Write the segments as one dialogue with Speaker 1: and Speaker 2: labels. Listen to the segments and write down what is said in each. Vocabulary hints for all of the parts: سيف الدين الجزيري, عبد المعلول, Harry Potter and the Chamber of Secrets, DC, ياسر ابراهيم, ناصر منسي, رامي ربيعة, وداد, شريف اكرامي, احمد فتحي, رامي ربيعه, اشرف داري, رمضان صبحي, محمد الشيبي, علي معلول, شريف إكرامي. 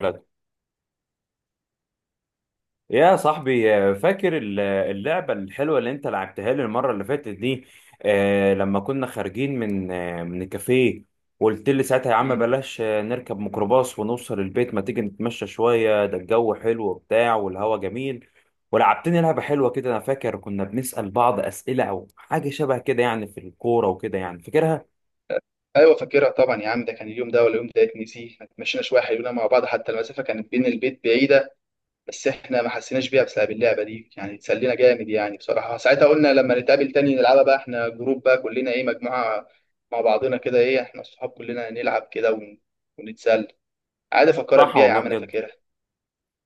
Speaker 1: بلد. يا صاحبي فاكر اللعبة الحلوة اللي انت لعبتها لي المرة اللي فاتت دي. لما كنا خارجين من الكافيه، وقلت لي ساعتها يا عم
Speaker 2: مم.
Speaker 1: بلاش. نركب ميكروباص ونوصل البيت، ما تيجي نتمشى شوية، ده الجو حلو وبتاع والهوا جميل. ولعبتني لعبة حلوة كده، انا فاكر كنا بنسأل بعض أسئلة او حاجة شبه كده يعني، في الكورة وكده يعني، فاكرها؟
Speaker 2: ايوه فاكرها طبعا يا عم، ده كان اليوم ده ولا اليوم ده؟ اتنسي احنا اتمشينا شويه حلوين مع بعض، حتى المسافه كانت بين البيت بعيده بس احنا ما حسيناش بيها بسبب اللعبه دي. يعني اتسلينا جامد يعني بصراحه. ساعتها قلنا لما نتقابل تاني نلعبها بقى احنا جروب بقى كلنا، ايه، مجموعه مع بعضنا كده، ايه، احنا الصحاب كلنا نلعب كده ونتسلى عادي. افكرك
Speaker 1: صح
Speaker 2: بيها يا
Speaker 1: والله،
Speaker 2: عم، انا
Speaker 1: بجد.
Speaker 2: فاكرها.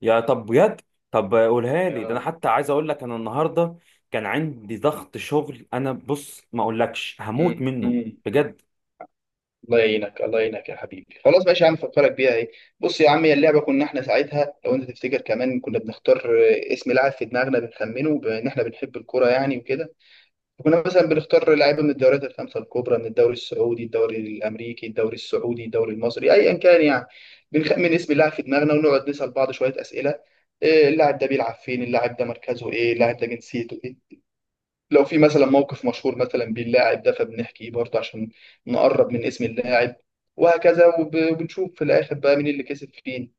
Speaker 1: يا طب بجد. طب قولها لي، ده انا
Speaker 2: آه.
Speaker 1: حتى عايز اقول لك انا النهارده كان عندي ضغط شغل، انا بص ما اقولكش
Speaker 2: مم.
Speaker 1: هموت منه،
Speaker 2: مم.
Speaker 1: بجد.
Speaker 2: الله يعينك، الله يعينك يا حبيبي. خلاص ماشي يا عم، فكرك بيها. ايه، بص يا عم، هي اللعبه كنا احنا ساعتها لو انت تفتكر، كمان كنا بنختار اسم لاعب في دماغنا بنخمنه، بان احنا بنحب الكوره يعني وكده. كنا مثلا بنختار لعيبه من الدوريات الخمسه الكبرى، من الدوري السعودي، الدوري الامريكي، الدوري السعودي، الدوري المصري، ايا كان يعني. بنخمن اسم لاعب في دماغنا ونقعد نسال بعض شويه اسئله: إيه اللاعب ده بيلعب فين، اللاعب ده مركزه ايه، اللاعب ده جنسيته، لو في مثلا موقف مشهور مثلا باللاعب ده فبنحكيه برضه عشان نقرب من اسم اللاعب، وهكذا. وبنشوف في الاخر بقى مين اللي كسب فين.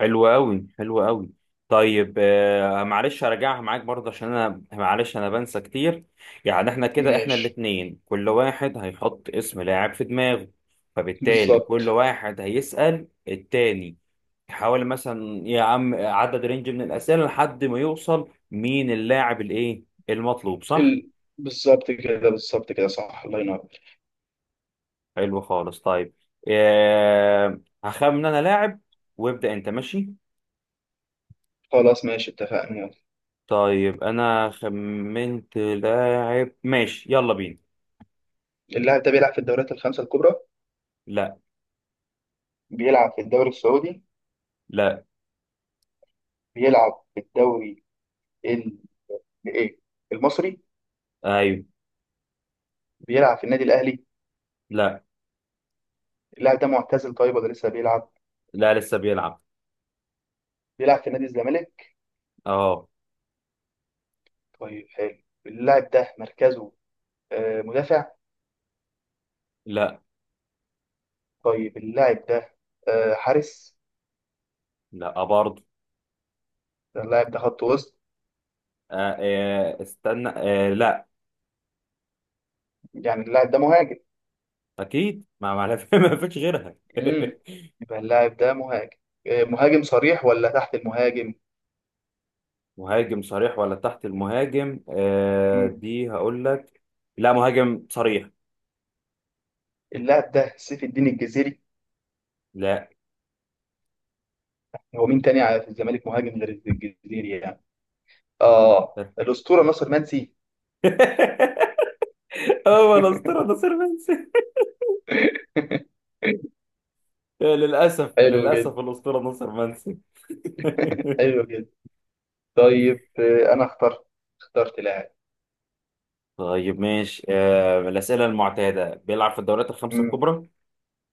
Speaker 1: حلو قوي، حلو قوي. طيب، معلش اراجعها معاك برضه، عشان انا معلش انا بنسى كتير. يعني احنا كده، احنا
Speaker 2: ماشي.
Speaker 1: الاتنين كل واحد هيحط اسم لاعب في دماغه، فبالتالي كل
Speaker 2: بالظبط.
Speaker 1: واحد هيسأل التاني، يحاول مثلا يا عم عدد رينج من الأسئلة لحد ما يوصل مين اللاعب الايه المطلوب، صح؟
Speaker 2: ال... بالظبط كده، بالظبط كده، صح الله ينور.
Speaker 1: حلو خالص. طيب، هخمن انا لاعب وابدأ انت، ماشي.
Speaker 2: خلاص ماشي، اتفقنا، يلا.
Speaker 1: طيب انا خمنت لاعب، ماشي، يلا بينا.
Speaker 2: اللاعب ده بيلعب في الدوريات الخمسة الكبرى؟
Speaker 1: لا.
Speaker 2: بيلعب في الدوري السعودي؟
Speaker 1: لا.
Speaker 2: بيلعب في الدوري ال... ايه، المصري؟
Speaker 1: ايوه.
Speaker 2: بيلعب في النادي الاهلي؟
Speaker 1: لا.
Speaker 2: اللاعب ده معتزل طيب ولا لسه بيلعب؟
Speaker 1: لا لسه بيلعب.
Speaker 2: بيلعب في نادي الزمالك؟
Speaker 1: اه.
Speaker 2: طيب حلو. اللاعب ده مركزه مدافع؟
Speaker 1: لا.
Speaker 2: طيب اللاعب ده حارس؟
Speaker 1: لا برضه.
Speaker 2: اللاعب ده خط وسط؟
Speaker 1: استنى، لا.
Speaker 2: يعني اللاعب ده مهاجم؟
Speaker 1: اكيد، ما ما فيش غيرها
Speaker 2: امم، يبقى اللاعب ده مهاجم. مهاجم صريح ولا تحت المهاجم؟
Speaker 1: مهاجم صريح ولا تحت المهاجم؟
Speaker 2: مم.
Speaker 1: دي هقول لك. لا، مهاجم صريح.
Speaker 2: اللاعب ده سيف الدين الجزيري؟
Speaker 1: لا.
Speaker 2: هو مين تاني في الزمالك مهاجم غير الجزيري يعني؟ اه، الأسطورة ناصر منسي.
Speaker 1: هو الاسطوره ناصر منسي؟ للأسف،
Speaker 2: حلو جدا.
Speaker 1: للأسف، الأسطورة ناصر منسي.
Speaker 2: حلو جدا. طيب، انا اخترت، اخترت لاعب.
Speaker 1: طيب ماشي. الأسئلة المعتادة، بيلعب في الدوريات الخمسة
Speaker 2: مم.
Speaker 1: الكبرى؟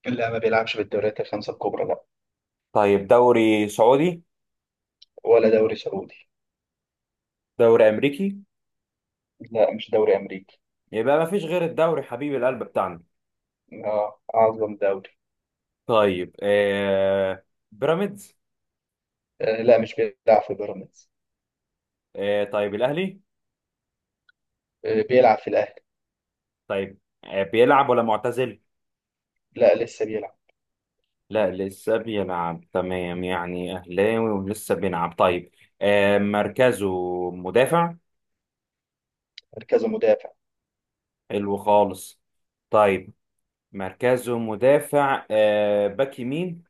Speaker 2: لا، ما بيلعبش بالدوريات الخمسة الكبرى، لا.
Speaker 1: طيب دوري سعودي؟
Speaker 2: ولا دوري سعودي.
Speaker 1: دوري أمريكي؟
Speaker 2: لا، مش دوري امريكي.
Speaker 1: يبقى ما فيش غير الدوري حبيب القلب بتاعنا.
Speaker 2: اه، أعظم دوري.
Speaker 1: طيب بيراميدز؟
Speaker 2: آه لا، مش بيلعب في بيراميدز.
Speaker 1: طيب الأهلي.
Speaker 2: آه، بيلعب في الأهلي.
Speaker 1: طيب بيلعب ولا معتزل؟
Speaker 2: لا لسه بيلعب.
Speaker 1: لا لسه بيلعب، تمام، يعني أهلاوي ولسه بيلعب، طيب. مركزه مدافع.
Speaker 2: مركزه مدافع.
Speaker 1: حلو خالص. طيب، مركزه مدافع، باك يمين؟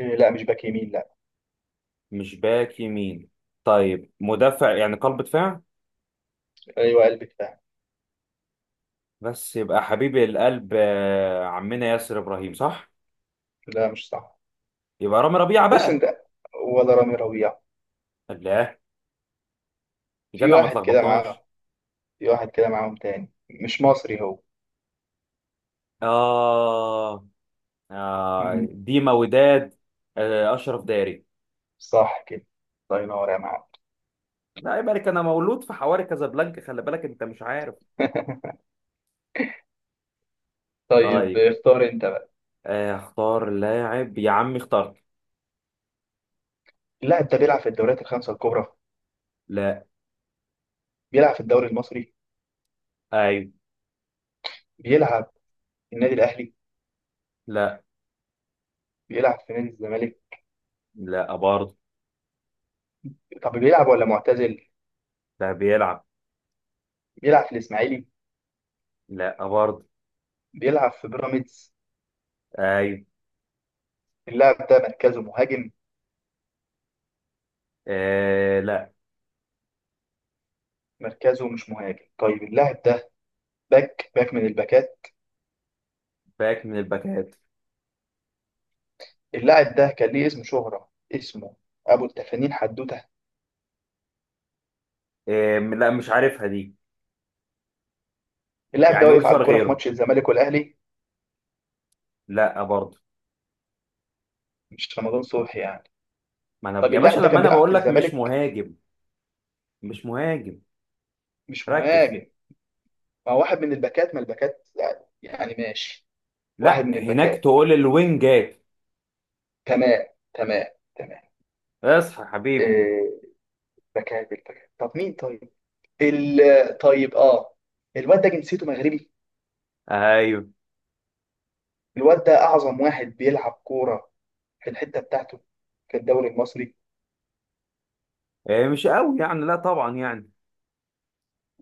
Speaker 2: آه لا، مش باك يمين، لا.
Speaker 1: مش باك يمين. طيب، مدافع يعني قلب دفاع،
Speaker 2: أيوه، قلب دفاع.
Speaker 1: بس يبقى حبيب القلب عمنا ياسر ابراهيم، صح؟
Speaker 2: لا مش صح.
Speaker 1: يبقى رامي ربيعه
Speaker 2: بص
Speaker 1: بقى.
Speaker 2: أنت، ولا رامي ربيعة.
Speaker 1: لا. يا
Speaker 2: في
Speaker 1: جدع، ما
Speaker 2: واحد كده معاهم،
Speaker 1: تلخبطناش.
Speaker 2: في واحد كده معاهم تاني مش مصري هو.
Speaker 1: آه,
Speaker 2: مم.
Speaker 1: ديما وداد. اشرف داري.
Speaker 2: صح كده، الله ينور يا معلم.
Speaker 1: لا، يبقى لك انا مولود في حواري كازابلانكا، خلي بالك انت مش عارف.
Speaker 2: طيب
Speaker 1: طيب،
Speaker 2: اختار أنت بقى.
Speaker 1: اختار لاعب يا عمي، اخترت.
Speaker 2: اللاعب ده بيلعب في الدوريات الخمسة الكبرى؟
Speaker 1: لا.
Speaker 2: بيلعب في الدوري المصري؟
Speaker 1: ايوه.
Speaker 2: بيلعب في النادي الأهلي؟
Speaker 1: لا.
Speaker 2: بيلعب في نادي الزمالك؟
Speaker 1: لا برضه.
Speaker 2: طب بيلعب ولا معتزل؟
Speaker 1: ده بيلعب.
Speaker 2: بيلعب في الإسماعيلي؟
Speaker 1: لا برضه.
Speaker 2: بيلعب في بيراميدز؟
Speaker 1: ايوه.
Speaker 2: اللاعب ده مركزه مهاجم؟
Speaker 1: لا.
Speaker 2: مركزه مش مهاجم. طيب اللاعب ده باك، باك من الباكات؟
Speaker 1: باك من الباكات.
Speaker 2: اللاعب ده كان ليه اسم شهرة، اسمه ابو التفانين حدوته؟
Speaker 1: لا، مش عارفها دي.
Speaker 2: اللاعب ده
Speaker 1: يعني قول
Speaker 2: واقف على
Speaker 1: سؤال
Speaker 2: الكرة في
Speaker 1: غيره.
Speaker 2: ماتش الزمالك والاهلي؟
Speaker 1: لا برضه.
Speaker 2: مش رمضان صبحي يعني؟
Speaker 1: ما انا
Speaker 2: طب
Speaker 1: يا باشا
Speaker 2: اللاعب ده
Speaker 1: لما
Speaker 2: كان
Speaker 1: انا
Speaker 2: بيلعب في
Speaker 1: بقول لك مش
Speaker 2: الزمالك؟
Speaker 1: مهاجم، مش مهاجم،
Speaker 2: مش
Speaker 1: ركز.
Speaker 2: مهاجم، ما هو واحد من الباكات، ما الباكات يعني يعني ماشي. واحد
Speaker 1: لا،
Speaker 2: من
Speaker 1: هناك
Speaker 2: الباكات.
Speaker 1: تقول الوينجات.
Speaker 2: تمام. تمام. تمام.
Speaker 1: اصحى يا حبيبي.
Speaker 2: إيه، باكات بالباكات؟ طب مين طيب؟ ال، طيب، اه، الواد ده جنسيته مغربي؟
Speaker 1: ايوه.
Speaker 2: الواد ده اعظم واحد بيلعب كوره في الحته بتاعته، في الدوري المصري.
Speaker 1: مش قوي يعني، لا طبعا يعني.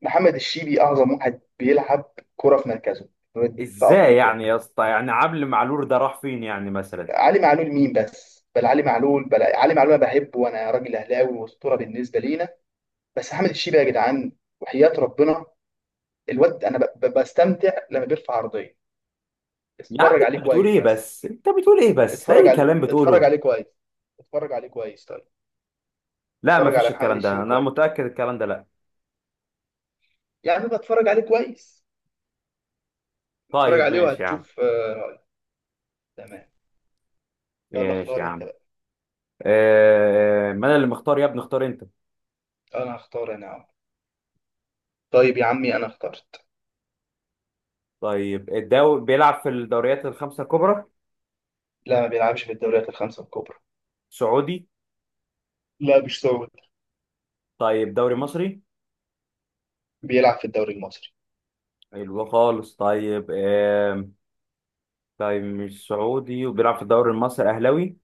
Speaker 2: محمد الشيبي اعظم واحد بيلعب كوره في مركزه في
Speaker 1: ازاي
Speaker 2: افريقيا.
Speaker 1: يعني يا اسطى؟ يعني عبد المعلول ده راح فين يعني مثلا؟
Speaker 2: علي معلول مين بس؟ بل علي معلول، بل علي معلول انا بحبه وانا راجل اهلاوي واسطوره بالنسبه لينا، بس محمد الشيبي يا جدعان وحياه ربنا. الواد انا بستمتع لما بيرفع عرضيه.
Speaker 1: يا عم
Speaker 2: اتفرج عليه
Speaker 1: انت بتقول
Speaker 2: كويس
Speaker 1: ايه
Speaker 2: بس،
Speaker 1: بس، انت بتقول ايه بس، ده
Speaker 2: اتفرج
Speaker 1: اي
Speaker 2: عليه،
Speaker 1: كلام
Speaker 2: اتفرج
Speaker 1: بتقوله.
Speaker 2: عليه كويس، اتفرج عليه كويس طيب،
Speaker 1: لا،
Speaker 2: اتفرج
Speaker 1: مفيش
Speaker 2: على محمد
Speaker 1: الكلام ده،
Speaker 2: الشيبي
Speaker 1: انا
Speaker 2: كويس.
Speaker 1: متأكد الكلام ده لا.
Speaker 2: يعني بتفرج عليه كويس، اتفرج
Speaker 1: طيب
Speaker 2: عليه
Speaker 1: ماشي يا عم.
Speaker 2: وهتشوف. تمام. يلا
Speaker 1: ماشي
Speaker 2: اختار
Speaker 1: يا
Speaker 2: انت
Speaker 1: عم.
Speaker 2: بقى.
Speaker 1: ما انا اللي مختار يا ابني، اختار انت.
Speaker 2: انا هختار انا أهو. طيب يا عمي، انا اخترت.
Speaker 1: طيب، الدوري، بيلعب في الدوريات الخمسة الكبرى؟
Speaker 2: لا، ما بيلعبش في الدوريات الخمسة الكبرى.
Speaker 1: سعودي؟
Speaker 2: لا مش سعودي.
Speaker 1: طيب دوري مصري.
Speaker 2: بيلعب في الدوري المصري.
Speaker 1: حلو خالص. طيب طيب مش سعودي وبيلعب في الدوري المصري، اهلاوي؟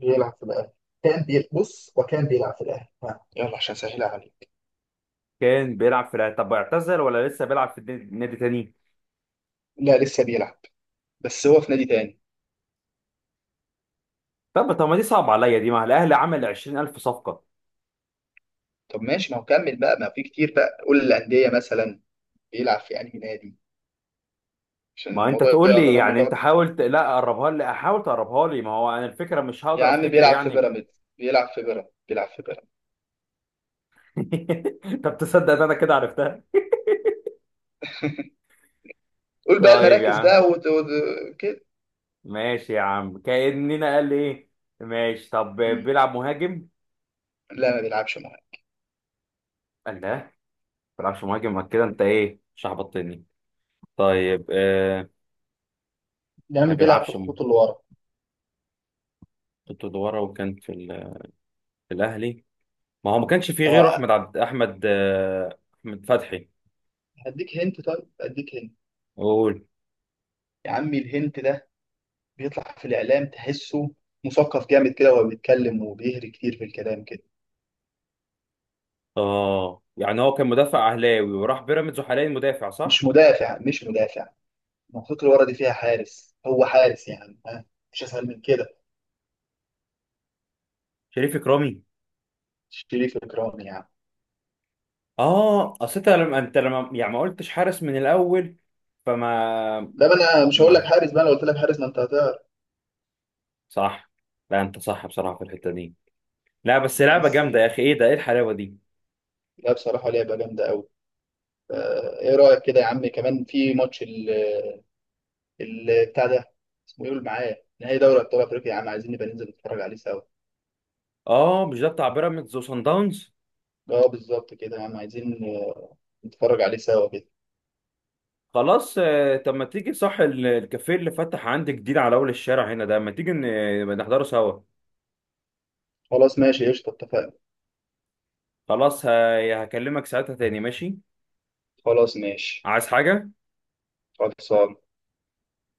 Speaker 2: بيلعب في الاهلي. بص، وكان بيلعب في الاهلي، ها. يلا عشان سهلها عليك.
Speaker 1: كان بيلعب في الأهلي. طب اعتزل ولا لسه بيلعب في نادي تاني؟
Speaker 2: لا لسه بيلعب، بس هو في نادي تاني.
Speaker 1: طب ما دي صعبة عليا دي، ما الاهلي عمل 20,000 صفقة.
Speaker 2: طب ماشي، ما هو كمل بقى، ما في كتير بقى، قول الأندية مثلا، بيلعب في أنهي نادي، عشان
Speaker 1: ما انت
Speaker 2: الموضوع
Speaker 1: تقول لي
Speaker 2: يقرب لك
Speaker 1: يعني، انت
Speaker 2: أكتر.
Speaker 1: حاول لا قربها لي، احاول تقربها لي، ما هو انا الفكرة مش
Speaker 2: يا
Speaker 1: هقدر
Speaker 2: عم
Speaker 1: افتكر
Speaker 2: بيلعب في
Speaker 1: يعني.
Speaker 2: بيراميدز، بيلعب في بيراميدز، بيلعب في بيراميدز.
Speaker 1: طب تصدق إن انا كده عرفتها؟
Speaker 2: قول بقى
Speaker 1: طيب يا
Speaker 2: المراكز
Speaker 1: عم.
Speaker 2: بقى كده.
Speaker 1: ماشي يا عم، كأننا قال ايه. ماشي. طب
Speaker 2: مم.
Speaker 1: بيلعب مهاجم؟
Speaker 2: لا، ما بيلعبش.
Speaker 1: قال لا، ما بيلعبش مهاجم، ما كده انت ايه مش هبطني. طيب
Speaker 2: يا
Speaker 1: ما
Speaker 2: عمي بيلعب في
Speaker 1: بيلعبش،
Speaker 2: الخطوط اللي ورا.
Speaker 1: كنت ورا، وكان في، في الاهلي ما هو ما كانش فيه غيره
Speaker 2: طب
Speaker 1: احمد عبد احمد، احمد فتحي،
Speaker 2: هديك هنت، طيب هديك هنت.
Speaker 1: قول.
Speaker 2: يا عمي الهنت ده بيطلع في الإعلام، تحسه مثقف جامد كده وهو بيتكلم وبيهري كتير في الكلام كده.
Speaker 1: اه، يعني هو كان مدافع اهلاوي وراح بيراميدز وحاليا مدافع،
Speaker 2: مش
Speaker 1: صح؟
Speaker 2: مدافع، مش مدافع. المنطقة اللي ورا دي فيها حارس، هو حارس يعني، ها، مش أسهل من كده؟
Speaker 1: شريف اكرامي.
Speaker 2: شريف إكرامي يعني.
Speaker 1: اه، اصل انت لما يعني ما قلتش حارس من الاول، فما
Speaker 2: ده بقى أنا مش هقول لك
Speaker 1: ما
Speaker 2: حارس بقى، لو قلت لك حارس ما أنت هتعرف.
Speaker 1: صح. لا انت صح بصراحة في الحتة دي، لا بس لعبه
Speaker 2: بس
Speaker 1: جامده يا
Speaker 2: كده.
Speaker 1: اخي، ايه ده، ايه الحلاوه دي.
Speaker 2: لا بصراحة لعبة جامدة أوي. فا، إيه رأيك كده يا عم، كمان في ماتش بتاع ده، اسمه إيه، قول معايا، نهائي دوري أبطال أفريقيا، يا عم عايزين نبقى ننزل نتفرج عليه سوا.
Speaker 1: اه، مش ده بتاع بيراميدز وصن داونز.
Speaker 2: اه بالظبط كده يا عم، عايزين نتفرج عليه سوا كده.
Speaker 1: خلاص. طب ما تيجي، صح، الكافيه اللي فتح عندي جديد على اول الشارع هنا ده، ما تيجي نحضره سوا.
Speaker 2: خلاص ماشي قشطة، اتفقنا.
Speaker 1: خلاص، هكلمك ساعتها تاني، ماشي.
Speaker 2: خلاص ماشي.
Speaker 1: عايز حاجه؟
Speaker 2: خلاص.